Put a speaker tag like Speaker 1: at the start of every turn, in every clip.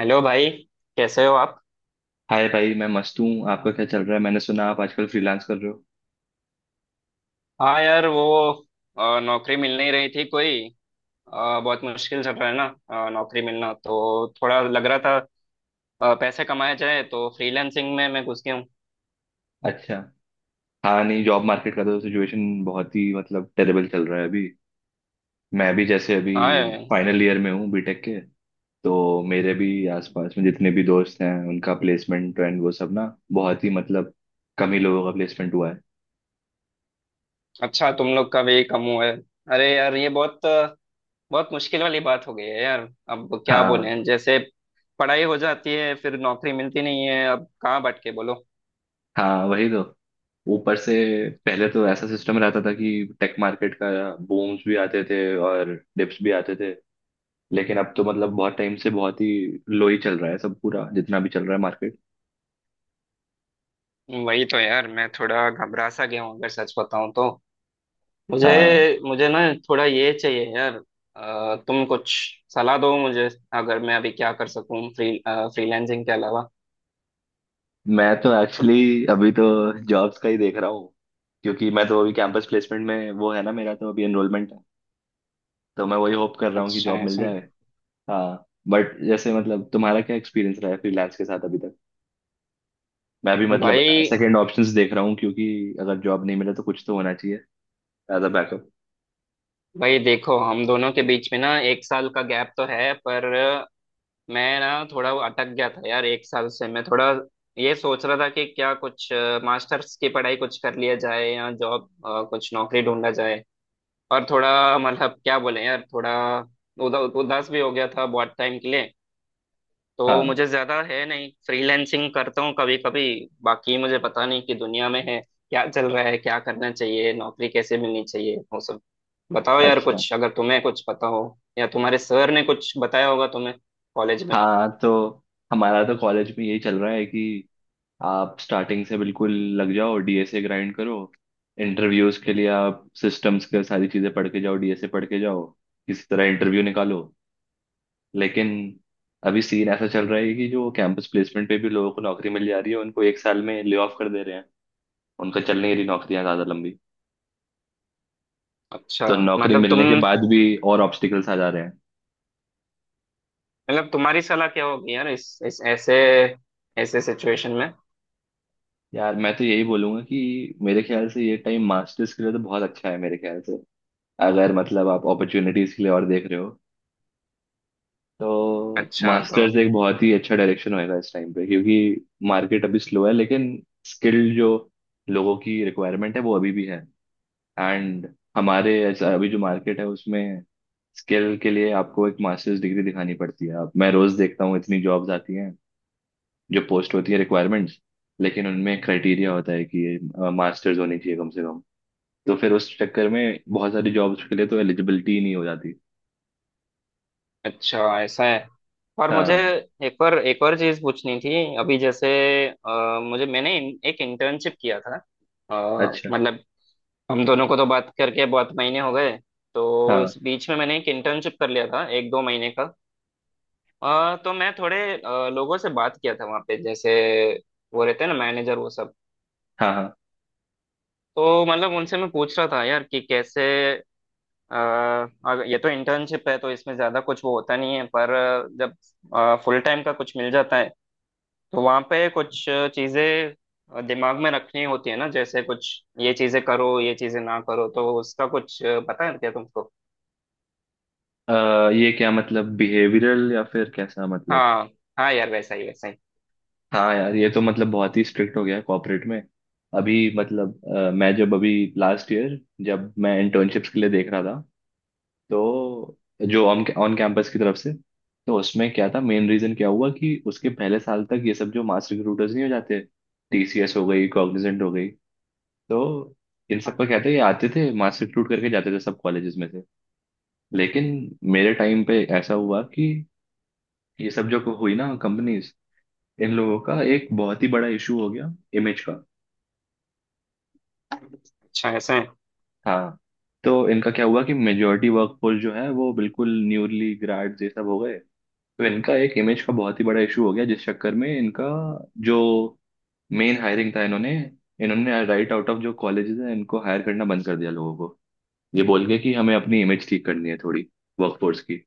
Speaker 1: Hello भाई। कैसे हो आप।
Speaker 2: हाय भाई, मैं मस्त हूँ। आपका क्या चल रहा है? मैंने सुना आप आजकल फ्रीलांस कर रहे हो।
Speaker 1: हाँ यार, वो नौकरी मिल नहीं रही थी कोई। बहुत मुश्किल चल रहा है ना। नौकरी मिलना तो थोड़ा लग रहा था। पैसे कमाए जाए तो फ्रीलांसिंग में मैं घुस गया हूँ।
Speaker 2: अच्छा। हाँ नहीं, जॉब मार्केट का तो सिचुएशन बहुत ही मतलब टेरेबल चल रहा है अभी। मैं भी जैसे अभी
Speaker 1: हाँ यार।
Speaker 2: फाइनल ईयर में हूँ बीटेक के। तो मेरे भी आसपास में जितने भी दोस्त हैं उनका प्लेसमेंट एंड वो सब ना, बहुत ही मतलब कम ही लोगों का प्लेसमेंट हुआ है।
Speaker 1: अच्छा, तुम लोग का भी कम हुआ है। अरे यार, ये बहुत मुश्किल वाली बात हो गई है यार। अब क्या
Speaker 2: हाँ।
Speaker 1: बोलें, जैसे पढ़ाई हो जाती है, फिर नौकरी मिलती नहीं है, अब कहाँ बट के बोलो।
Speaker 2: हाँ वही तो। ऊपर से पहले तो ऐसा सिस्टम रहता था कि टेक मार्केट का बूम्स भी आते थे और डिप्स भी आते थे। लेकिन अब तो मतलब बहुत टाइम से बहुत ही लो ही चल रहा है, सब पूरा जितना भी चल रहा है मार्केट।
Speaker 1: वही तो यार, मैं थोड़ा घबरा सा गया हूँ अगर सच बताऊँ तो। मुझे
Speaker 2: हाँ।
Speaker 1: मुझे ना, थोड़ा ये चाहिए यार। तुम कुछ सलाह दो मुझे, अगर मैं अभी क्या कर सकूं फ्रीलैंसिंग के अलावा।
Speaker 2: मैं तो एक्चुअली अभी तो जॉब्स का ही देख रहा हूँ, क्योंकि मैं तो अभी कैंपस प्लेसमेंट में वो है ना, मेरा तो अभी एनरोलमेंट है। तो मैं वही होप कर रहा हूँ कि
Speaker 1: अच्छा
Speaker 2: जॉब
Speaker 1: है
Speaker 2: मिल
Speaker 1: सुन।
Speaker 2: जाए। हाँ, बट जैसे मतलब तुम्हारा क्या एक्सपीरियंस रहा है फ्रीलांस के साथ अभी तक? मैं भी मतलब
Speaker 1: भाई
Speaker 2: सेकंड ऑप्शंस देख रहा हूँ, क्योंकि अगर जॉब नहीं मिले तो कुछ तो होना चाहिए एज अ बैकअप।
Speaker 1: भाई देखो, हम दोनों के बीच में ना एक साल का गैप तो है, पर मैं ना थोड़ा वो अटक गया था यार। एक साल से मैं थोड़ा ये सोच रहा था कि क्या कुछ मास्टर्स की पढ़ाई कुछ कर लिया जाए या जॉब कुछ नौकरी ढूंढा जाए। और थोड़ा मतलब क्या बोले यार, थोड़ा उदास भी हो गया था बहुत टाइम के लिए। तो
Speaker 2: हाँ
Speaker 1: मुझे ज्यादा है नहीं, फ्रीलैंसिंग करता हूँ कभी कभी। बाकी मुझे पता नहीं कि दुनिया में है क्या चल रहा है, क्या करना चाहिए, नौकरी कैसे मिलनी चाहिए, वो सब। बताओ यार
Speaker 2: अच्छा।
Speaker 1: कुछ, अगर तुम्हें कुछ पता हो, या तुम्हारे सर ने कुछ बताया होगा तुम्हें कॉलेज में।
Speaker 2: हाँ तो हमारा तो कॉलेज में यही चल रहा है कि आप स्टार्टिंग से बिल्कुल लग जाओ, डीएसए ग्राइंड करो। इंटरव्यूज के लिए आप सिस्टम्स के सारी चीजें पढ़ के जाओ, डीएसए पढ़ के जाओ, किसी तरह इंटरव्यू निकालो। लेकिन अभी सीन ऐसा चल रहा है कि जो कैंपस प्लेसमेंट पे भी लोगों को नौकरी मिल जा रही है, उनको एक साल में ले ऑफ कर दे रहे हैं। उनका चल नहीं रही नौकरियां ज्यादा लंबी।
Speaker 1: अच्छा।
Speaker 2: तो नौकरी
Speaker 1: मतलब तुम
Speaker 2: मिलने के बाद भी और ऑब्स्टिकल्स आ जा रहे हैं।
Speaker 1: मतलब तुम्हारी सलाह क्या होगी यार, इस ऐसे ऐसे सिचुएशन में।
Speaker 2: यार मैं तो यही बोलूंगा कि मेरे ख्याल से ये टाइम मास्टर्स के लिए तो बहुत अच्छा है, मेरे ख्याल से। अगर मतलब आप अपॉर्चुनिटीज के लिए और देख रहे हो, तो
Speaker 1: अच्छा तो।
Speaker 2: मास्टर्स एक बहुत ही अच्छा डायरेक्शन होएगा इस टाइम पे, क्योंकि मार्केट अभी स्लो है। लेकिन स्किल्ड जो लोगों की रिक्वायरमेंट है वो अभी भी है। एंड हमारे अभी जो मार्केट है उसमें स्किल के लिए आपको एक मास्टर्स डिग्री दिखानी पड़ती है। अब मैं रोज देखता हूँ इतनी जॉब्स आती हैं, जो पोस्ट होती है रिक्वायरमेंट्स, लेकिन उनमें क्राइटेरिया होता है कि ये मास्टर्स होनी चाहिए कम से कम। तो फिर उस चक्कर में बहुत सारी जॉब्स के लिए तो एलिजिबिलिटी नहीं हो जाती।
Speaker 1: अच्छा ऐसा है। और मुझे
Speaker 2: हाँ
Speaker 1: एक और चीज पूछनी थी अभी, जैसे मुझे मैंने एक इंटर्नशिप किया था।
Speaker 2: अच्छा।
Speaker 1: मतलब, हम दोनों को तो बात करके बहुत महीने हो गए, तो
Speaker 2: हाँ
Speaker 1: इस बीच में मैंने एक इंटर्नशिप कर लिया था एक दो महीने का। तो मैं थोड़े लोगों से बात किया था वहाँ पे, जैसे वो रहते हैं ना मैनेजर वो सब।
Speaker 2: हाँ हाँ।
Speaker 1: तो मतलब उनसे मैं पूछ रहा था यार कि कैसे, अगर ये तो इंटर्नशिप है तो इसमें ज्यादा कुछ वो होता नहीं है, पर जब फुल टाइम का कुछ मिल जाता है, तो वहां पे कुछ चीजें दिमाग में रखनी होती है ना, जैसे कुछ ये चीजें करो, ये चीजें ना करो, तो उसका कुछ पता है क्या तुमको।
Speaker 2: अ, ये क्या मतलब बिहेवियरल या फिर कैसा मतलब?
Speaker 1: हाँ। हाँ यार, वैसा ही वैसा ही।
Speaker 2: हाँ यार, ये तो मतलब बहुत ही स्ट्रिक्ट हो गया है कॉर्पोरेट में। अभी मतलब मैं जब अभी लास्ट ईयर, जब मैं इंटर्नशिप्स के लिए देख रहा था, तो जो ऑन ऑन कैंपस की तरफ से, तो उसमें क्या था, मेन रीजन क्या हुआ कि उसके पहले साल तक ये सब जो मास रिक्रूटर्स नहीं हो जाते, टीसीएस हो गई, कॉग्निजेंट हो गई, तो इन
Speaker 1: हाँ।
Speaker 2: सब का कहते हैं ये आते थे मास रिक्रूट करके जाते थे सब कॉलेजेस में से। लेकिन मेरे टाइम पे ऐसा हुआ कि ये सब जो हुई ना कंपनीज, इन लोगों का एक बहुत ही बड़ा इशू हो गया, इमेज का।
Speaker 1: अच्छा ऐसा है।
Speaker 2: हाँ। तो इनका क्या हुआ कि मेजोरिटी वर्कफोर्स जो है वो बिल्कुल न्यूली ग्रेड ये सब हो गए। तो इनका एक इमेज का बहुत ही बड़ा इशू हो गया, जिस चक्कर में इनका जो मेन हायरिंग था, इन्होंने इन्होंने राइट आउट ऑफ जो कॉलेजेस है इनको हायर करना बंद कर दिया लोगों को, ये बोल के कि हमें अपनी इमेज ठीक करनी है थोड़ी, वर्कफोर्स की।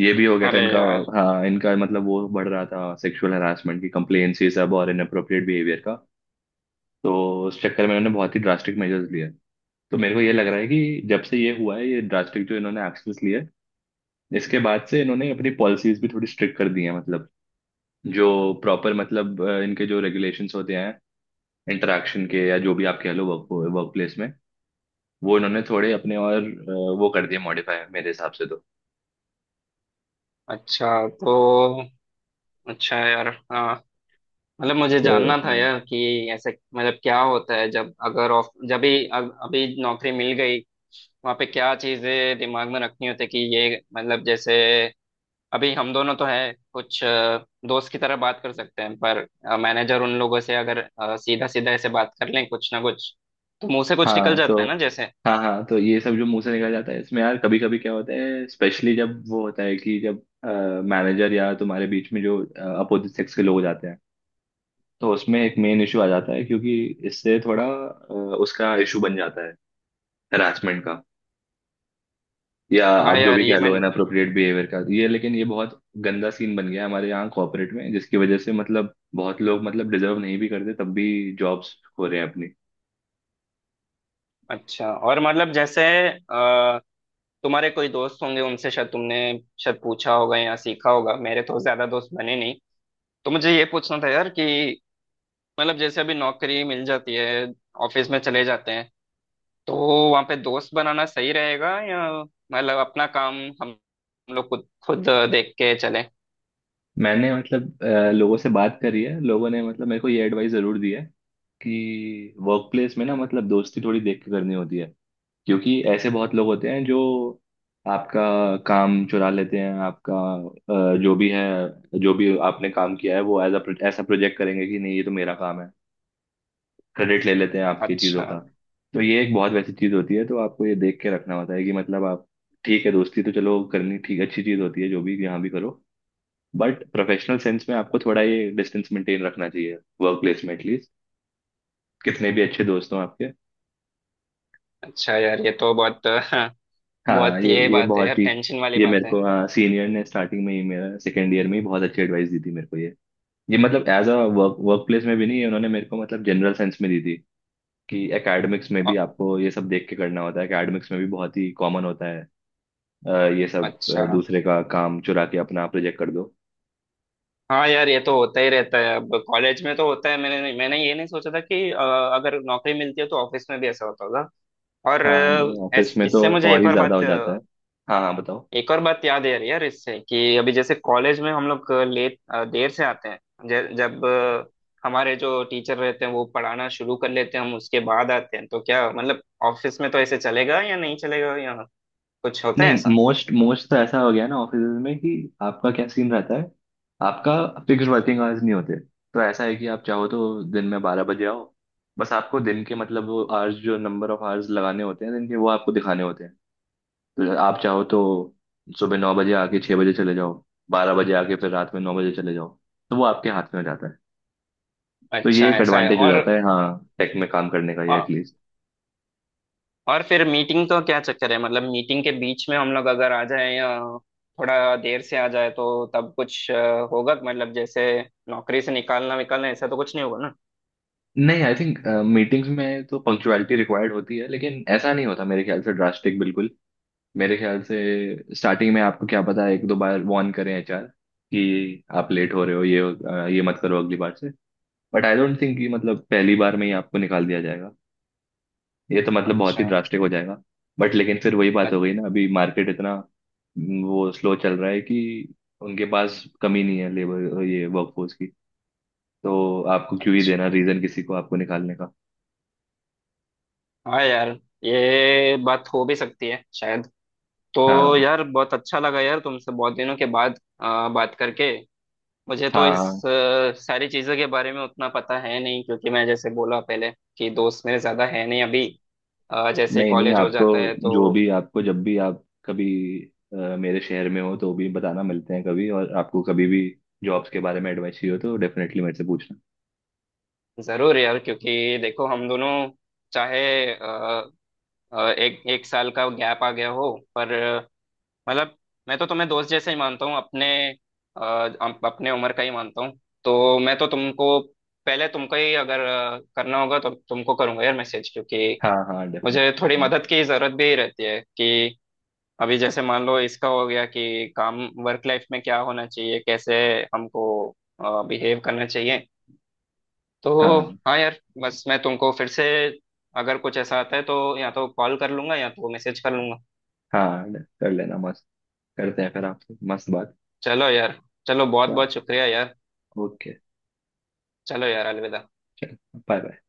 Speaker 2: ये भी हो गया था
Speaker 1: अरे
Speaker 2: इनका।
Speaker 1: यार।
Speaker 2: हाँ, इनका मतलब वो बढ़ रहा था, सेक्सुअल हरासमेंट की कंप्लेन्स ये सब, और इनअप्रोप्रिएट बिहेवियर का। तो उस चक्कर में इन्होंने बहुत ही ड्रास्टिक मेजर्स लिए। तो मेरे को ये लग रहा है कि जब से ये हुआ है, ये ड्रास्टिक जो इन्होंने एक्शंस लिए, इसके बाद से इन्होंने अपनी पॉलिसीज भी थोड़ी स्ट्रिक्ट कर दी हैं। मतलब जो प्रॉपर, मतलब इनके जो रेगुलेशंस होते हैं इंटरेक्शन के, या जो भी आप कह लो, वर्क वर्क प्लेस में, वो इन्होंने थोड़े अपने और वो कर दिए मॉडिफाई मेरे हिसाब से तो
Speaker 1: अच्छा तो। अच्छा यार, हाँ। मतलब मुझे
Speaker 2: तो,
Speaker 1: जानना था
Speaker 2: हाँ
Speaker 1: यार कि ऐसे मतलब क्या होता है जब, अगर ऑफ जब भी अभी नौकरी मिल गई, वहाँ पे क्या चीजें दिमाग में रखनी होती है कि ये, मतलब जैसे अभी हम दोनों तो हैं, कुछ दोस्त की तरह बात कर सकते हैं, पर मैनेजर उन लोगों से अगर सीधा सीधा ऐसे बात कर लें कुछ ना कुछ, तो मुंह से कुछ निकल
Speaker 2: हाँ।
Speaker 1: जाता
Speaker 2: तो
Speaker 1: है ना जैसे।
Speaker 2: हाँ हाँ। तो ये सब जो मुंह से निकल जाता है इसमें यार, कभी कभी क्या होता है, स्पेशली जब वो होता है कि जब मैनेजर या तुम्हारे बीच में जो अपोजिट सेक्स के लोग जाते हैं, तो उसमें एक मेन इशू आ जाता है, क्योंकि इससे थोड़ा उसका इशू बन जाता है हरासमेंट का, या
Speaker 1: हाँ
Speaker 2: आप जो
Speaker 1: यार,
Speaker 2: भी
Speaker 1: ये
Speaker 2: कह
Speaker 1: मैं।
Speaker 2: लो इनअप्रोप्रिएट बिहेवियर का, ये। लेकिन ये बहुत गंदा सीन बन गया है हमारे यहाँ कॉर्पोरेट में, जिसकी वजह से मतलब बहुत लोग, मतलब डिजर्व नहीं भी करते तब भी जॉब्स खो रहे हैं।
Speaker 1: अच्छा। और मतलब जैसे तुम्हारे कोई दोस्त होंगे, उनसे शायद तुमने शायद पूछा होगा या सीखा होगा। मेरे तो ज्यादा दोस्त बने नहीं, तो मुझे ये पूछना था यार कि मतलब जैसे अभी नौकरी मिल जाती है, ऑफिस में चले जाते हैं, तो वहाँ पे दोस्त बनाना सही रहेगा, या मतलब अपना काम हम लोग खुद खुद देख के चले।
Speaker 2: मैंने मतलब लोगों से बात करी है, लोगों ने मतलब मेरे को ये एडवाइस जरूर दी है कि वर्क प्लेस में ना, मतलब दोस्ती थोड़ी देख के करनी होती है, क्योंकि ऐसे बहुत लोग होते हैं जो आपका काम चुरा लेते हैं, आपका जो भी है, जो भी आपने काम किया है वो एज अ ऐसा प्रोजेक्ट करेंगे कि नहीं ये तो मेरा काम है, क्रेडिट ले लेते हैं आपकी चीज़ों
Speaker 1: अच्छा।
Speaker 2: का। तो ये एक बहुत वैसी चीज़ होती है, तो आपको ये देख के रखना होता है कि मतलब आप, ठीक है दोस्ती तो चलो करनी ठीक अच्छी चीज़ होती है, जो भी यहाँ भी करो, बट प्रोफेशनल सेंस में आपको थोड़ा ये डिस्टेंस मेंटेन रखना चाहिए वर्क प्लेस में एटलीस्ट, कितने भी अच्छे दोस्त हों आपके।
Speaker 1: अच्छा यार, ये तो बहुत बहुत
Speaker 2: हाँ ये
Speaker 1: ये
Speaker 2: ये
Speaker 1: बात है यार,
Speaker 2: बहुत ही
Speaker 1: टेंशन वाली
Speaker 2: ये, मेरे
Speaker 1: बात है।
Speaker 2: को, हाँ, सीनियर ने स्टार्टिंग में ही, मेरा सेकेंड ईयर में ही बहुत अच्छी एडवाइस दी थी मेरे को ये। ये मतलब as a work workplace में भी नहीं, ये उन्होंने मेरे को मतलब जनरल सेंस में दी थी कि एकेडमिक्स में भी
Speaker 1: अ-
Speaker 2: आपको ये सब देख के करना होता है, एकेडमिक्स में भी बहुत ही कॉमन होता है, अ, ये सब
Speaker 1: अच्छा
Speaker 2: दूसरे का काम चुरा के अपना प्रोजेक्ट कर दो।
Speaker 1: हाँ यार, ये तो होता ही रहता है, अब कॉलेज में तो होता है। मैंने मैंने ये नहीं सोचा था कि अगर नौकरी मिलती है तो ऑफिस में भी ऐसा होता होगा। और
Speaker 2: हाँ। ऑफिस में तो
Speaker 1: इससे मुझे
Speaker 2: और
Speaker 1: एक
Speaker 2: ही
Speaker 1: और
Speaker 2: ज्यादा
Speaker 1: बात,
Speaker 2: हो जाता है। हाँ हाँ, बताओ।
Speaker 1: एक और बात याद आ रही है यार इससे, कि अभी जैसे कॉलेज में हम लोग देर से आते हैं, जब हमारे जो टीचर रहते हैं वो पढ़ाना शुरू कर लेते हैं, हम उसके बाद आते हैं, तो क्या मतलब ऑफिस में तो ऐसे चलेगा या नहीं चलेगा, या कुछ होता है
Speaker 2: नहीं,
Speaker 1: ऐसा।
Speaker 2: मोस्ट मोस्ट तो ऐसा हो गया ना ऑफिस में कि आपका क्या सीन रहता है, आपका फिक्स वर्किंग आवर्स नहीं होते। तो ऐसा है कि आप चाहो तो दिन में 12 बजे आओ, बस आपको दिन के मतलब वो आवर्स, जो नंबर ऑफ आवर्स लगाने होते हैं दिन के, वो आपको दिखाने होते हैं। तो आप चाहो तो सुबह 9 बजे आके 6 बजे चले जाओ, 12 बजे आके फिर रात में 9 बजे चले जाओ, तो वो आपके हाथ में हो जाता है। तो ये
Speaker 1: अच्छा
Speaker 2: एक
Speaker 1: ऐसा है।
Speaker 2: एडवांटेज हो
Speaker 1: और
Speaker 2: जाता है, हाँ, टेक में काम करने का, ये
Speaker 1: औ-
Speaker 2: एटलीस्ट।
Speaker 1: और फिर मीटिंग, तो क्या चक्कर है, मतलब मीटिंग के बीच में हम लोग अगर आ जाए, या थोड़ा देर से आ जाए, तो तब कुछ होगा, मतलब जैसे नौकरी से निकालना विकालना ऐसा तो कुछ नहीं होगा ना।
Speaker 2: नहीं, आई थिंक मीटिंग्स में तो पंक्चुअलिटी रिक्वायर्ड होती है, लेकिन ऐसा नहीं होता मेरे ख्याल से ड्रास्टिक बिल्कुल। मेरे ख्याल से स्टार्टिंग में आपको क्या पता एक दो बार वार्न करें एचआर कि आप लेट हो रहे हो, ये मत करो अगली बार से। बट आई डोंट थिंक कि मतलब पहली बार में ही आपको निकाल दिया जाएगा, ये तो मतलब बहुत
Speaker 1: अच्छा।
Speaker 2: ही ड्रास्टिक हो जाएगा। बट लेकिन फिर वही बात
Speaker 1: अ-
Speaker 2: हो गई ना, अभी मार्केट इतना वो स्लो चल रहा है कि उनके पास कमी नहीं है लेबर ये वर्कफोर्स की, तो आपको क्यों ही देना
Speaker 1: अच्छा
Speaker 2: रीजन किसी को आपको निकालने का।
Speaker 1: हाँ यार, ये बात हो भी सकती है शायद। तो
Speaker 2: हाँ
Speaker 1: यार, बहुत अच्छा लगा यार तुमसे बहुत दिनों के बाद बात करके। मुझे तो
Speaker 2: हाँ
Speaker 1: इस
Speaker 2: हाँ।
Speaker 1: सारी चीज़ों के बारे में उतना पता है नहीं, क्योंकि मैं जैसे बोला पहले कि दोस्त मेरे ज़्यादा है नहीं अभी, जैसे
Speaker 2: नहीं नहीं,
Speaker 1: कॉलेज हो
Speaker 2: आपको,
Speaker 1: जाता है
Speaker 2: जो
Speaker 1: तो।
Speaker 2: भी आपको, जब भी आप कभी मेरे शहर में हो तो भी बताना, मिलते हैं कभी, और आपको कभी भी जॉब्स के बारे में एडवाइस चाहिए हो तो डेफिनेटली मेरे से पूछना।
Speaker 1: ज़रूर यार, क्योंकि देखो हम दोनों, चाहे आ, आ, एक एक साल का गैप आ गया हो, पर मतलब मैं तो तुम्हें दोस्त जैसे ही मानता हूँ अपने, अ, अपने उम्र का ही मानता हूँ। तो मैं तो तुमको, पहले तुमको ही अगर करना होगा तो तुमको करूंगा यार मैसेज, क्योंकि
Speaker 2: हाँ हाँ
Speaker 1: मुझे
Speaker 2: डेफिनेटली।
Speaker 1: थोड़ी
Speaker 2: हाँ
Speaker 1: मदद की जरूरत भी रहती है कि अभी जैसे मान लो इसका हो गया, कि काम, वर्क लाइफ में क्या होना चाहिए, कैसे हमको बिहेव करना चाहिए तो।
Speaker 2: हाँ
Speaker 1: हाँ यार, बस मैं तुमको फिर से, अगर कुछ ऐसा आता है तो या तो कॉल कर लूंगा या तो मैसेज कर लूंगा।
Speaker 2: हाँ, कर लेना मस्त। करते हैं फिर आपसे मस्त बात।
Speaker 1: चलो यार। चलो, बहुत बहुत शुक्रिया यार।
Speaker 2: ओके।
Speaker 1: चलो यार, अलविदा।
Speaker 2: चलो, बाय बाय।